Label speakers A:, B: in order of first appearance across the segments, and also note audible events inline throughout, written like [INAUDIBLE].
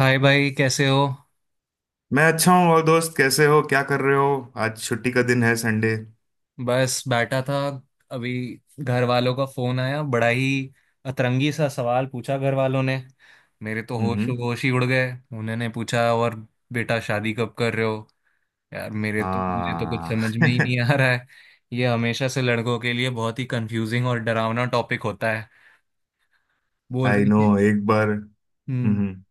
A: हाय भाई, कैसे हो?
B: मैं अच्छा हूँ। और दोस्त कैसे हो, क्या कर रहे हो? आज छुट्टी का दिन है, संडे।
A: बस बैठा था अभी। घर वालों का फोन आया, बड़ा ही अतरंगी सा सवाल पूछा घर वालों ने। मेरे तो होश
B: हम्म।
A: होश ही उड़ गए। उन्होंने पूछा, और बेटा शादी कब कर रहे हो। यार, मेरे तो मुझे तो कुछ
B: हाँ।
A: समझ में ही
B: [LAUGHS]
A: नहीं आ रहा है। ये हमेशा से लड़कों के लिए बहुत ही कंफ्यूजिंग और डरावना टॉपिक होता है, बोल
B: आई
A: रही
B: नो,
A: थी।
B: एक बार।
A: हम्म।
B: हम्म।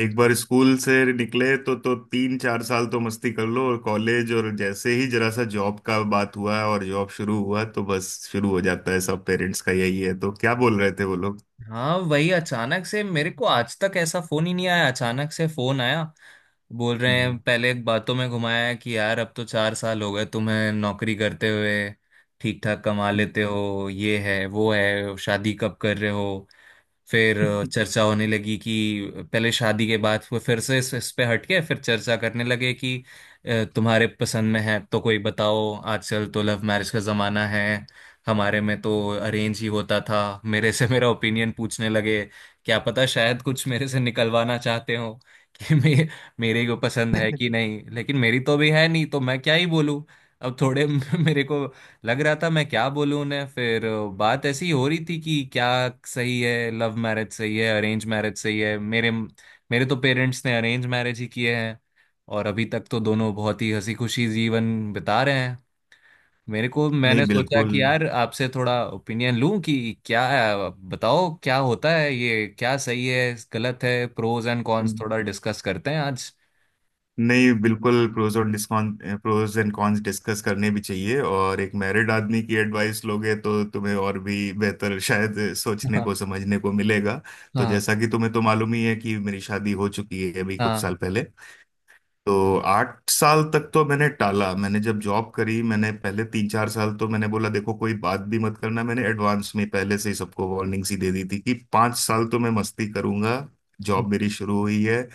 B: एक बार स्कूल से निकले तो तीन चार साल तो मस्ती कर लो और कॉलेज, और जैसे ही जरा सा जॉब का बात हुआ और जॉब शुरू हुआ तो बस शुरू हो जाता है सब। पेरेंट्स का यही है। तो क्या बोल रहे थे वो लोग?
A: हाँ, वही। अचानक से मेरे को आज तक ऐसा फोन ही नहीं आया, अचानक से फोन आया। बोल रहे
B: हम्म।
A: हैं, पहले एक बातों में घुमाया कि यार अब तो 4 साल हो गए तुम्हें नौकरी करते हुए, ठीक ठाक कमा लेते हो, ये है वो है, शादी कब कर रहे हो। फिर
B: [LAUGHS]
A: चर्चा होने लगी कि पहले शादी के बाद, वो फिर से इस पे हटके फिर चर्चा करने लगे कि तुम्हारे पसंद में है तो कोई बताओ, आजकल तो लव मैरिज का जमाना है, हमारे में तो अरेंज ही होता था। मेरे से मेरा ओपिनियन पूछने लगे। क्या पता शायद कुछ मेरे से निकलवाना चाहते हो कि [LAUGHS] मे, मेरे को पसंद है कि नहीं, लेकिन मेरी तो भी है नहीं तो मैं क्या ही बोलूं। अब थोड़े [LAUGHS] मेरे को लग रहा था मैं क्या बोलूं उन्हें। फिर बात ऐसी ही हो रही थी कि क्या सही है, लव मैरिज सही है, अरेंज मैरिज सही है। मेरे मेरे तो पेरेंट्स ने अरेंज मैरिज ही किए हैं, और अभी तक तो दोनों बहुत ही हंसी खुशी जीवन बिता रहे हैं। मेरे को
B: नहीं,
A: मैंने सोचा
B: बिल्कुल।
A: कि यार आपसे थोड़ा ओपिनियन लूं कि क्या, बताओ क्या होता है ये, क्या सही है गलत है, प्रोज एंड कॉन्स थोड़ा डिस्कस करते हैं आज।
B: नहीं बिल्कुल प्रोज और डिस्कॉन प्रोज एंड कॉन्स डिस्कस करने भी चाहिए, और एक मैरिड आदमी की एडवाइस लोगे तो तुम्हें और भी बेहतर शायद
A: [LAUGHS]
B: सोचने
A: हाँ,
B: को समझने को मिलेगा। तो
A: हाँ।
B: जैसा कि तुम्हें तो मालूम ही है कि मेरी शादी हो चुकी है अभी कुछ
A: हाँ।
B: साल पहले। तो 8 साल तक तो मैंने टाला। मैंने जब जॉब करी मैंने पहले तीन चार साल तो मैंने बोला देखो कोई बात भी मत करना, मैंने एडवांस में पहले से ही सबको वार्निंग सी दे दी थी कि 5 साल तो मैं मस्ती करूंगा, जॉब मेरी शुरू हुई है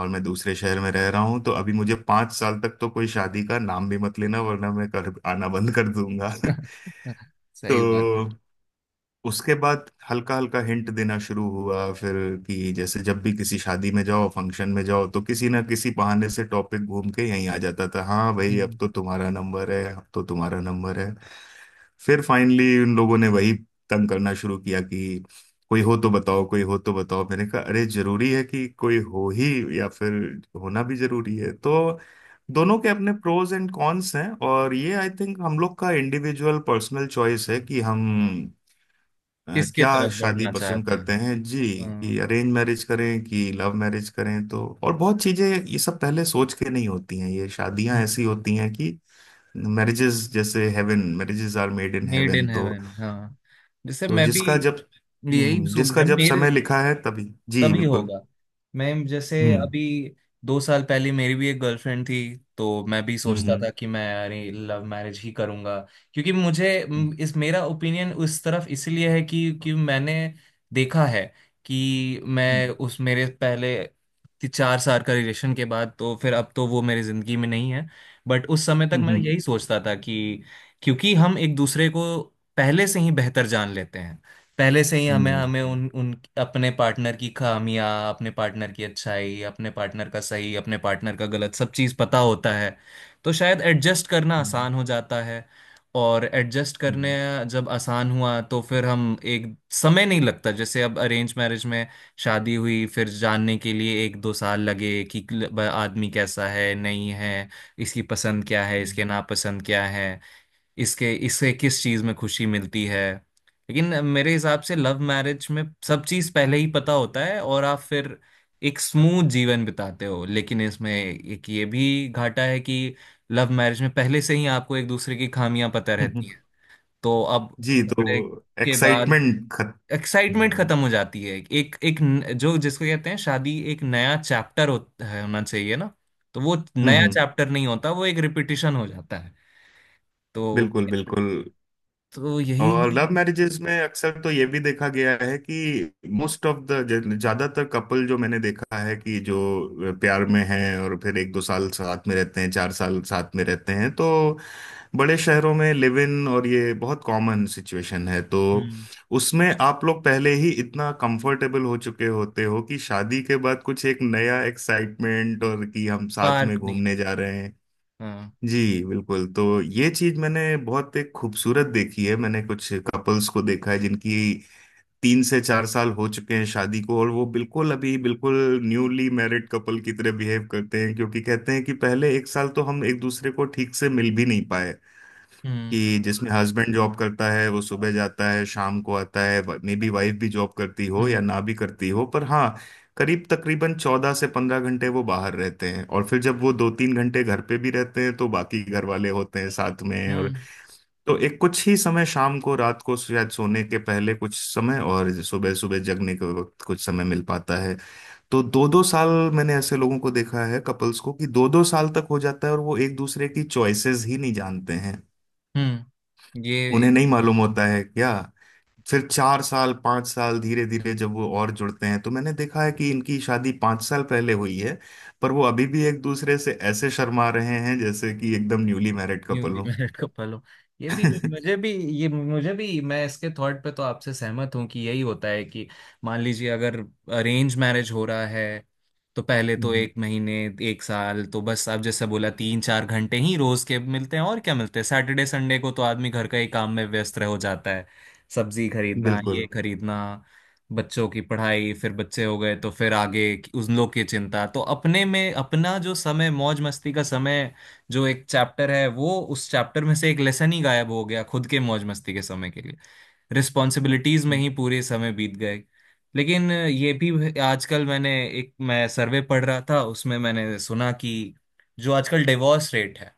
B: और मैं दूसरे शहर में रह रहा हूँ तो अभी मुझे 5 साल तक तो कोई शादी का नाम भी मत लेना वरना मैं कर आना बंद कर दूंगा।
A: [LAUGHS]
B: [LAUGHS]
A: सही बात है।
B: तो उसके बाद हल्का हल्का हिंट देना शुरू हुआ, फिर कि जैसे जब भी किसी शादी में जाओ फंक्शन में जाओ तो किसी ना किसी बहाने से टॉपिक घूम के यहीं आ जाता था, हाँ भाई अब
A: हम्म।
B: तो तुम्हारा नंबर है, अब तो तुम्हारा नंबर है। फिर फाइनली उन लोगों ने वही तंग करना शुरू किया कि कोई हो तो बताओ, कोई हो तो बताओ। मैंने कहा अरे, जरूरी है कि कोई हो ही? या फिर होना भी जरूरी है? तो दोनों के अपने प्रोज एंड कॉन्स हैं, और ये आई थिंक हम लोग का इंडिविजुअल पर्सनल चॉइस है कि हम
A: किसके
B: क्या
A: तरफ
B: शादी
A: बढ़ना
B: पसंद
A: चाहते
B: करते
A: हैं।
B: हैं जी, कि
A: हाँ,
B: अरेंज मैरिज करें कि लव मैरिज करें। तो और बहुत चीजें ये सब पहले सोच के नहीं होती हैं, ये शादियां ऐसी होती हैं कि marriages are made in
A: made
B: heaven.
A: In
B: तो
A: हेवन। हाँ, जैसे
B: तो
A: मैं भी यही सो-
B: जिसका
A: मैं
B: जब
A: मेरे।
B: समय लिखा है तभी। जी
A: तभी
B: बिल्कुल।
A: होगा। मैं जैसे
B: हम्म।
A: अभी 2 साल पहले मेरी भी एक गर्लफ्रेंड थी, तो मैं भी सोचता
B: हम्म।
A: था कि मैं, अरे, लव मैरिज ही करूंगा। क्योंकि मुझे म, इस मेरा ओपिनियन उस तरफ इसलिए है कि मैंने देखा है कि मैं
B: हम्म।
A: उस मेरे पहले ति- 4 साल का रिलेशन के बाद तो फिर अब तो वो मेरी जिंदगी में नहीं है। बट उस समय तक
B: हम्म।
A: मैं
B: हम्म।
A: यही सोचता था कि क्योंकि हम एक दूसरे को पहले से ही बेहतर जान लेते हैं, पहले से ही हमें
B: हम्म।
A: हमें उन उन अपने पार्टनर की खामियां, अपने पार्टनर की अच्छाई, अपने पार्टनर का सही, अपने पार्टनर का गलत, सब चीज़ पता होता है, तो शायद एडजस्ट करना आसान हो जाता है। और एडजस्ट करने
B: हम्म।
A: जब आसान हुआ, तो फिर हम एक समय नहीं लगता। जैसे अब अरेंज मैरिज में शादी हुई, फिर जानने के लिए एक दो साल लगे कि आदमी कैसा है नहीं है, इसकी पसंद क्या है, इसके नापसंद क्या है, इसके इससे किस चीज में खुशी मिलती है। लेकिन मेरे हिसाब से लव मैरिज में सब चीज पहले ही पता होता है, और आप फिर एक स्मूथ जीवन बिताते हो। लेकिन इसमें एक ये भी घाटा है कि लव मैरिज में पहले से ही आपको एक दूसरे की खामियां पता
B: हम्म।
A: रहती
B: हम्म।
A: हैं, तो अब
B: जी। तो
A: झगड़े के बाद
B: एक्साइटमेंट खत
A: एक्साइटमेंट
B: हम्म।
A: खत्म हो जाती है। एक एक न- जो जिसको कहते हैं शादी एक नया चैप्टर होना चाहिए ना। तो वो नया
B: हम्म।
A: चैप्टर नहीं होता, वो एक रिपीटिशन हो जाता है। तो
B: बिल्कुल बिल्कुल।
A: यही।
B: और लव मैरिजेज में अक्सर तो ये भी देखा गया है कि मोस्ट ऑफ द ज्यादातर कपल जो मैंने देखा है कि जो प्यार में हैं और फिर एक दो साल साथ में रहते हैं, चार साल साथ में रहते हैं, तो बड़े शहरों में लिव इन, और ये बहुत कॉमन सिचुएशन है। तो
A: हम्म।
B: उसमें आप लोग पहले ही इतना कंफर्टेबल हो चुके होते हो कि शादी के बाद कुछ एक नया एक्साइटमेंट, और कि हम साथ में
A: पार्क नहीं
B: घूमने
A: पता।
B: जा रहे हैं।
A: हाँ।
B: जी बिल्कुल। तो ये चीज मैंने बहुत एक खूबसूरत देखी है। मैंने कुछ कपल्स को देखा है जिनकी तीन से चार साल हो चुके हैं शादी को, और वो बिल्कुल अभी बिल्कुल न्यूली मैरिड कपल की तरह बिहेव करते हैं, क्योंकि कहते हैं कि पहले एक साल तो हम एक दूसरे को ठीक से मिल भी नहीं पाए।
A: हम्म।
B: कि जिसमें हस्बैंड जॉब करता है वो सुबह जाता है शाम को आता है, मे बी वाइफ भी जॉब करती हो या
A: हम्म।
B: ना भी करती हो, पर हाँ, करीब तकरीबन 14 से 15 घंटे वो बाहर रहते हैं, और फिर जब वो दो तीन घंटे घर पे भी रहते हैं तो बाकी घर वाले होते हैं साथ में, और
A: हम्म।
B: तो एक कुछ ही समय शाम को रात को शायद सोने के पहले कुछ समय, और सुबह सुबह जगने के वक्त कुछ समय मिल पाता है। तो दो दो साल, मैंने ऐसे लोगों को देखा है कपल्स को कि दो दो साल तक हो जाता है और वो एक दूसरे की चॉइसेस ही नहीं जानते हैं,
A: हम्म। ये
B: उन्हें
A: एक
B: नहीं मालूम होता है क्या। फिर चार साल पांच साल धीरे धीरे जब वो और जुड़ते हैं तो मैंने देखा है कि इनकी शादी 5 साल पहले हुई है, पर वो अभी भी एक दूसरे से ऐसे शर्मा रहे हैं जैसे कि एकदम न्यूली मैरिड कपल
A: न्यूली
B: हो। [LAUGHS]
A: मैरिड कपल हो। ये भी
B: हम्म,
A: मुझे भी ये मुझे भी मैं इसके थॉट पे तो आपसे सहमत हूँ कि यही होता है कि मान लीजिए अगर अरेंज मैरिज हो रहा है तो पहले तो एक महीने एक साल तो बस आप जैसे बोला 3-4 घंटे ही रोज के मिलते हैं, और क्या मिलते हैं, सैटरडे संडे को तो आदमी घर का ही काम में व्यस्त रह हो जाता है, सब्जी खरीदना,
B: बिल्कुल।
A: ये खरीदना, बच्चों की पढ़ाई, फिर बच्चे हो गए तो फिर आगे उन लोग की चिंता, तो अपने में अपना जो समय, मौज मस्ती का समय, जो एक चैप्टर है वो, उस चैप्टर में से एक लेसन ही गायब हो गया, खुद के मौज मस्ती के समय के लिए। रिस्पॉन्सिबिलिटीज में
B: हम्म।
A: ही पूरे समय बीत गए। लेकिन ये भी आजकल मैं सर्वे पढ़ रहा था, उसमें मैंने सुना कि जो आजकल डिवोर्स रेट है,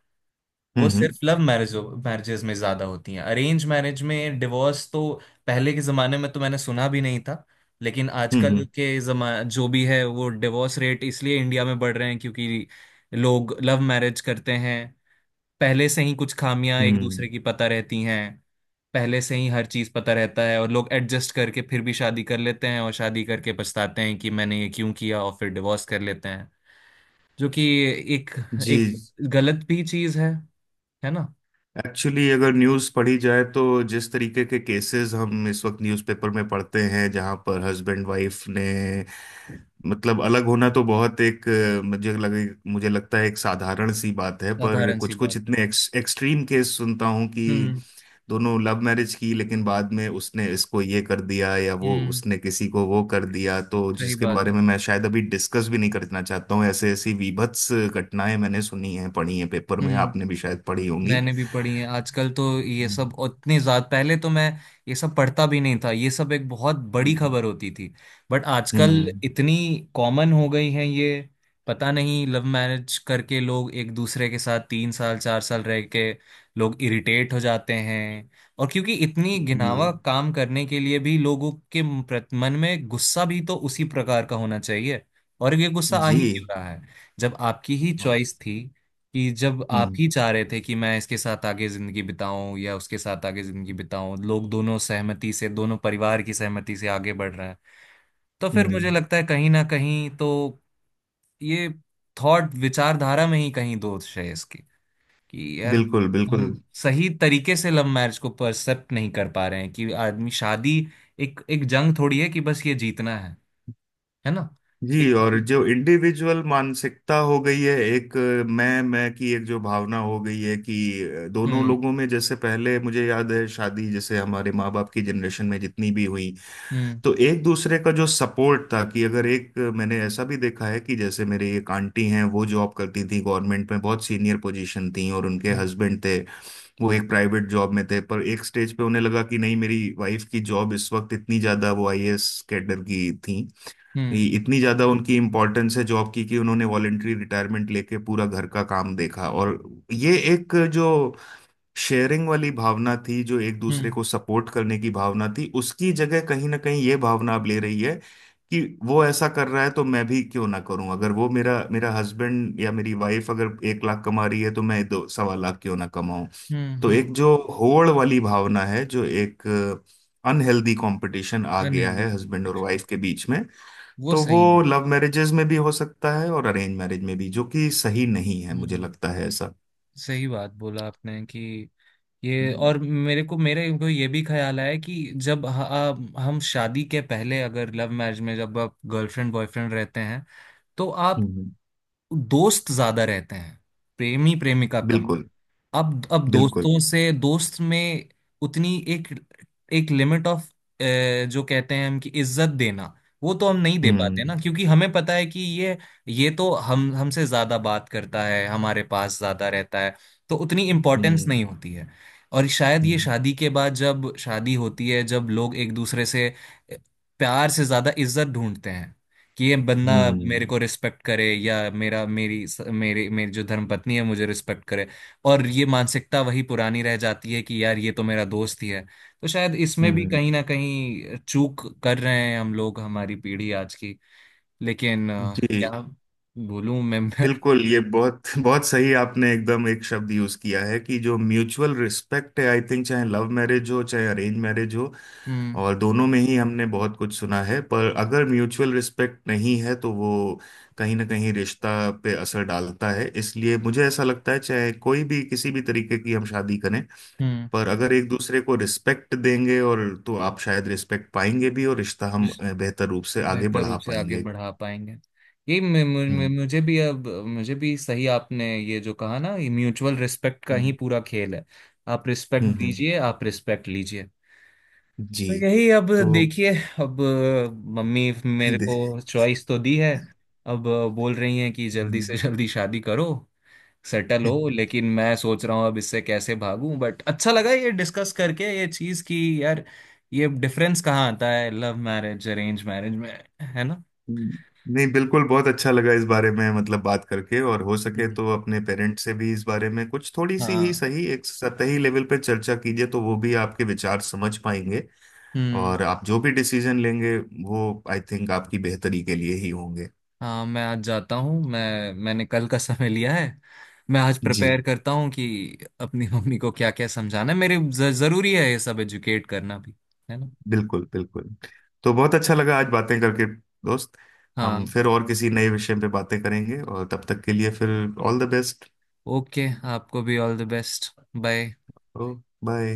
A: वो
B: हम्म।
A: सिर्फ लव मैरिजेस में ज्यादा होती हैं। अरेंज मैरिज में डिवोर्स तो पहले के जमाने में तो मैंने सुना भी नहीं था। लेकिन आजकल
B: हम्म।
A: के जमा जो भी है, वो डिवोर्स रेट इसलिए इंडिया में बढ़ रहे हैं क्योंकि लोग लव मैरिज करते हैं, पहले से ही कुछ खामियां एक
B: हम्म।
A: दूसरे की पता रहती हैं, पहले से ही हर चीज पता रहता है, और लोग एडजस्ट करके फिर भी शादी कर लेते हैं और शादी करके पछताते हैं कि मैंने ये क्यों किया, और फिर डिवोर्स कर लेते हैं। जो कि एक एक
B: जी।
A: गलत भी चीज है ना?
B: एक्चुअली अगर न्यूज़ पढ़ी जाए तो जिस तरीके के केसेस हम इस वक्त न्यूज़पेपर में पढ़ते हैं जहां पर हस्बैंड वाइफ ने मतलब अलग होना तो बहुत एक मुझे लगता है एक साधारण सी बात है, पर
A: साधारण सी
B: कुछ कुछ
A: बात है।
B: इतने एक्सट्रीम केस सुनता हूँ कि
A: हम्म।
B: दोनों लव मैरिज की लेकिन बाद में उसने इसको ये कर दिया या वो
A: हम्म।
B: उसने किसी को वो कर दिया, तो
A: सही
B: जिसके
A: बात
B: बारे
A: है।
B: में मैं शायद अभी डिस्कस भी नहीं करना चाहता हूँ। ऐसे ऐसी बीभत्स घटनाएं मैंने सुनी हैं पढ़ी हैं पेपर में,
A: हम्म।
B: आपने भी शायद पढ़ी होंगी।
A: मैंने भी पढ़ी है। आजकल तो ये सब उतनी ज्यादा, पहले तो मैं ये सब पढ़ता भी नहीं था, ये सब एक बहुत बड़ी
B: हम्म।
A: खबर होती थी। बट आजकल
B: हम्म।
A: इतनी कॉमन हो गई है ये। पता नहीं लव मैरिज करके लोग एक दूसरे के साथ 3 साल 4 साल रह के लोग इरिटेट हो जाते हैं। और क्योंकि इतनी घिनावा
B: जी।
A: काम करने के लिए भी लोगों के मन में गुस्सा भी तो उसी प्रकार का होना चाहिए, और ये गुस्सा आ
B: जी।
A: ही क्यों रहा है जब आपकी ही चॉइस थी, कि जब आप
B: हम्म।
A: ही चाह रहे थे कि मैं इसके साथ आगे जिंदगी बिताऊं या उसके साथ आगे जिंदगी बिताऊं। लोग दोनों सहमति से, दोनों परिवार की सहमति से आगे बढ़ रहे हैं, तो फिर
B: हम्म।
A: मुझे लगता है कहीं ना कहीं तो ये थॉट विचारधारा में ही कहीं दोष है इसकी, कि यार
B: बिल्कुल
A: हम
B: बिल्कुल।
A: सही तरीके से लव मैरिज को परसेप्ट नहीं कर पा रहे हैं, कि आदमी शादी एक एक जंग थोड़ी है, कि बस ये जीतना है ना? एक
B: जी, और जो इंडिविजुअल मानसिकता हो गई है एक मैं की एक जो भावना हो गई है कि दोनों
A: हम्म।
B: लोगों में, जैसे पहले मुझे याद है शादी जैसे हमारे माँ बाप की जनरेशन में जितनी भी हुई,
A: हम्म।
B: तो एक दूसरे का जो सपोर्ट था कि अगर एक मैंने ऐसा भी देखा है कि जैसे मेरे एक आंटी हैं, वो जॉब करती थी गवर्नमेंट में, बहुत सीनियर पोजीशन थी, और उनके
A: हम्म।
B: हस्बैंड थे, वो एक प्राइवेट जॉब में थे, पर एक स्टेज पे उन्हें लगा कि नहीं मेरी वाइफ की जॉब इस वक्त इतनी ज्यादा, वो आईएएस कैडर की थी,
A: हम्म।
B: ये इतनी ज्यादा उनकी इम्पोर्टेंस है जॉब की, कि उन्होंने वॉलेंटरी रिटायरमेंट लेके पूरा घर का काम देखा, और ये एक जो शेयरिंग वाली भावना थी, जो एक दूसरे
A: हम्म।
B: को सपोर्ट करने की भावना थी, उसकी जगह कहीं ना कहीं ये भावना अब ले रही है कि वो ऐसा कर रहा है तो मैं भी क्यों ना करूं, अगर वो मेरा मेरा हस्बैंड या मेरी वाइफ अगर 1 लाख कमा रही है तो मैं दो सवा लाख क्यों ना कमाऊं।
A: हम्म।
B: तो
A: हम्म।
B: एक जो होड़ वाली भावना है, जो एक अनहेल्दी कंपटीशन आ गया
A: अनहेल्दी
B: है हस्बैंड और वाइफ
A: कॉम्पिटिशन,
B: के बीच में,
A: वो
B: तो वो
A: सही नहीं।
B: लव मैरिजेज में भी हो सकता है और अरेंज मैरिज में भी, जो कि सही नहीं है मुझे
A: हम्म।
B: लगता है, ऐसा।
A: सही बात बोला आपने कि ये,
B: हम्म।
A: और मेरे को ये भी ख्याल आया कि जब हम शादी के पहले, अगर लव मैरिज में जब आप गर्लफ्रेंड बॉयफ्रेंड रहते हैं तो आप
B: हम्म।
A: दोस्त ज्यादा रहते हैं, प्रेमी प्रेमिका कम।
B: बिल्कुल
A: अब
B: बिल्कुल।
A: दोस्तों से दोस्त में उतनी एक एक लिमिट ऑफ, जो कहते हैं हम कि इज्जत देना, वो तो हम नहीं दे पाते
B: हम्म।
A: ना, क्योंकि हमें पता है कि ये तो हम हमसे ज्यादा बात करता है, हमारे पास ज्यादा रहता है, तो उतनी इम्पोर्टेंस
B: हम्म।
A: नहीं होती है। और शायद ये
B: हम्म।
A: शादी के बाद, जब शादी होती है, जब लोग एक दूसरे से अ, प्यार से ज्यादा इज्जत ढूंढते हैं, कि ये बंदा
B: हम्म।
A: मेरे को रिस्पेक्ट करे, या मेरा मेरी मेरी मेरी जो धर्मपत्नी है मुझे रिस्पेक्ट करे। और ये मानसिकता वही पुरानी रह जाती है कि यार ये तो मेरा दोस्त ही है। तो शायद इसमें भी
B: हम्म।
A: कहीं ना कहीं चूक कर रहे हैं हम लोग, हमारी पीढ़ी आज की। लेकिन
B: जी।
A: क्या बोलूं मैं। [LAUGHS]
B: बिल्कुल। ये बहुत [LAUGHS] बहुत सही आपने एकदम एक शब्द यूज किया है कि जो म्यूचुअल रिस्पेक्ट है, आई थिंक चाहे लव मैरिज हो चाहे अरेंज मैरिज हो,
A: हम्म।
B: और दोनों में ही हमने बहुत कुछ सुना है, पर अगर म्यूचुअल रिस्पेक्ट नहीं है तो वो कहीं ना कहीं रिश्ता पे असर डालता है, इसलिए मुझे ऐसा लगता है चाहे कोई भी किसी भी तरीके की हम शादी करें,
A: हम्म।
B: पर अगर एक दूसरे को रिस्पेक्ट देंगे और तो आप शायद रिस्पेक्ट पाएंगे भी और रिश्ता हम
A: जिस-
B: बेहतर रूप से आगे
A: बेहतर
B: बढ़ा
A: रूप से आगे
B: पाएंगे।
A: बढ़ा पाएंगे। ये मे- मु- मु-
B: हम्म।
A: मुझे भी अब मुझे भी सही आपने ये जो कहा ना, ये म्यूचुअल रिस्पेक्ट का ही
B: हम्म।
A: पूरा खेल है। आप रिस्पेक्ट
B: हम्म। हम्म।
A: दीजिए, आप रिस्पेक्ट लीजिए।
B: जी।
A: तो यही। अब
B: तो
A: देखिए, अब मम्मी
B: [LAUGHS]
A: मेरे को
B: दे-
A: चॉइस तो दी है, अब बोल रही हैं कि जल्दी
B: हम्म।
A: से जल्दी शादी करो, सेटल हो। लेकिन मैं सोच रहा हूँ अब इससे कैसे भागूं। बट अच्छा लगा ये डिस्कस करके ये चीज़ कि यार ये डिफरेंस कहाँ आता है लव मैरिज अरेंज मैरिज में, है ना?
B: नहीं, बिल्कुल बहुत अच्छा लगा इस बारे में मतलब बात करके, और हो सके
A: हम्म।
B: तो अपने पेरेंट्स से भी इस बारे में कुछ थोड़ी सी ही
A: हाँ।
B: सही एक सतही लेवल पर चर्चा कीजिए तो वो भी आपके विचार समझ पाएंगे।
A: हम्म।
B: और आप जो भी डिसीजन लेंगे वो आई थिंक आपकी बेहतरी के लिए ही होंगे।
A: हाँ। मैं आज जाता हूँ। मैंने कल का समय लिया है। मैं आज
B: जी
A: प्रिपेयर करता हूँ कि अपनी [LAUGHS] मम्मी को क्या क्या समझाना है। जरूरी है ये सब एजुकेट करना भी, है ना?
B: बिल्कुल बिल्कुल। तो बहुत अच्छा लगा आज बातें करके दोस्त।
A: हाँ।
B: हम फिर और किसी नए विषय पे बातें करेंगे, और तब तक के लिए फिर ऑल द बेस्ट।
A: ओके। आपको भी all the best. Bye.
B: Oh. Bye.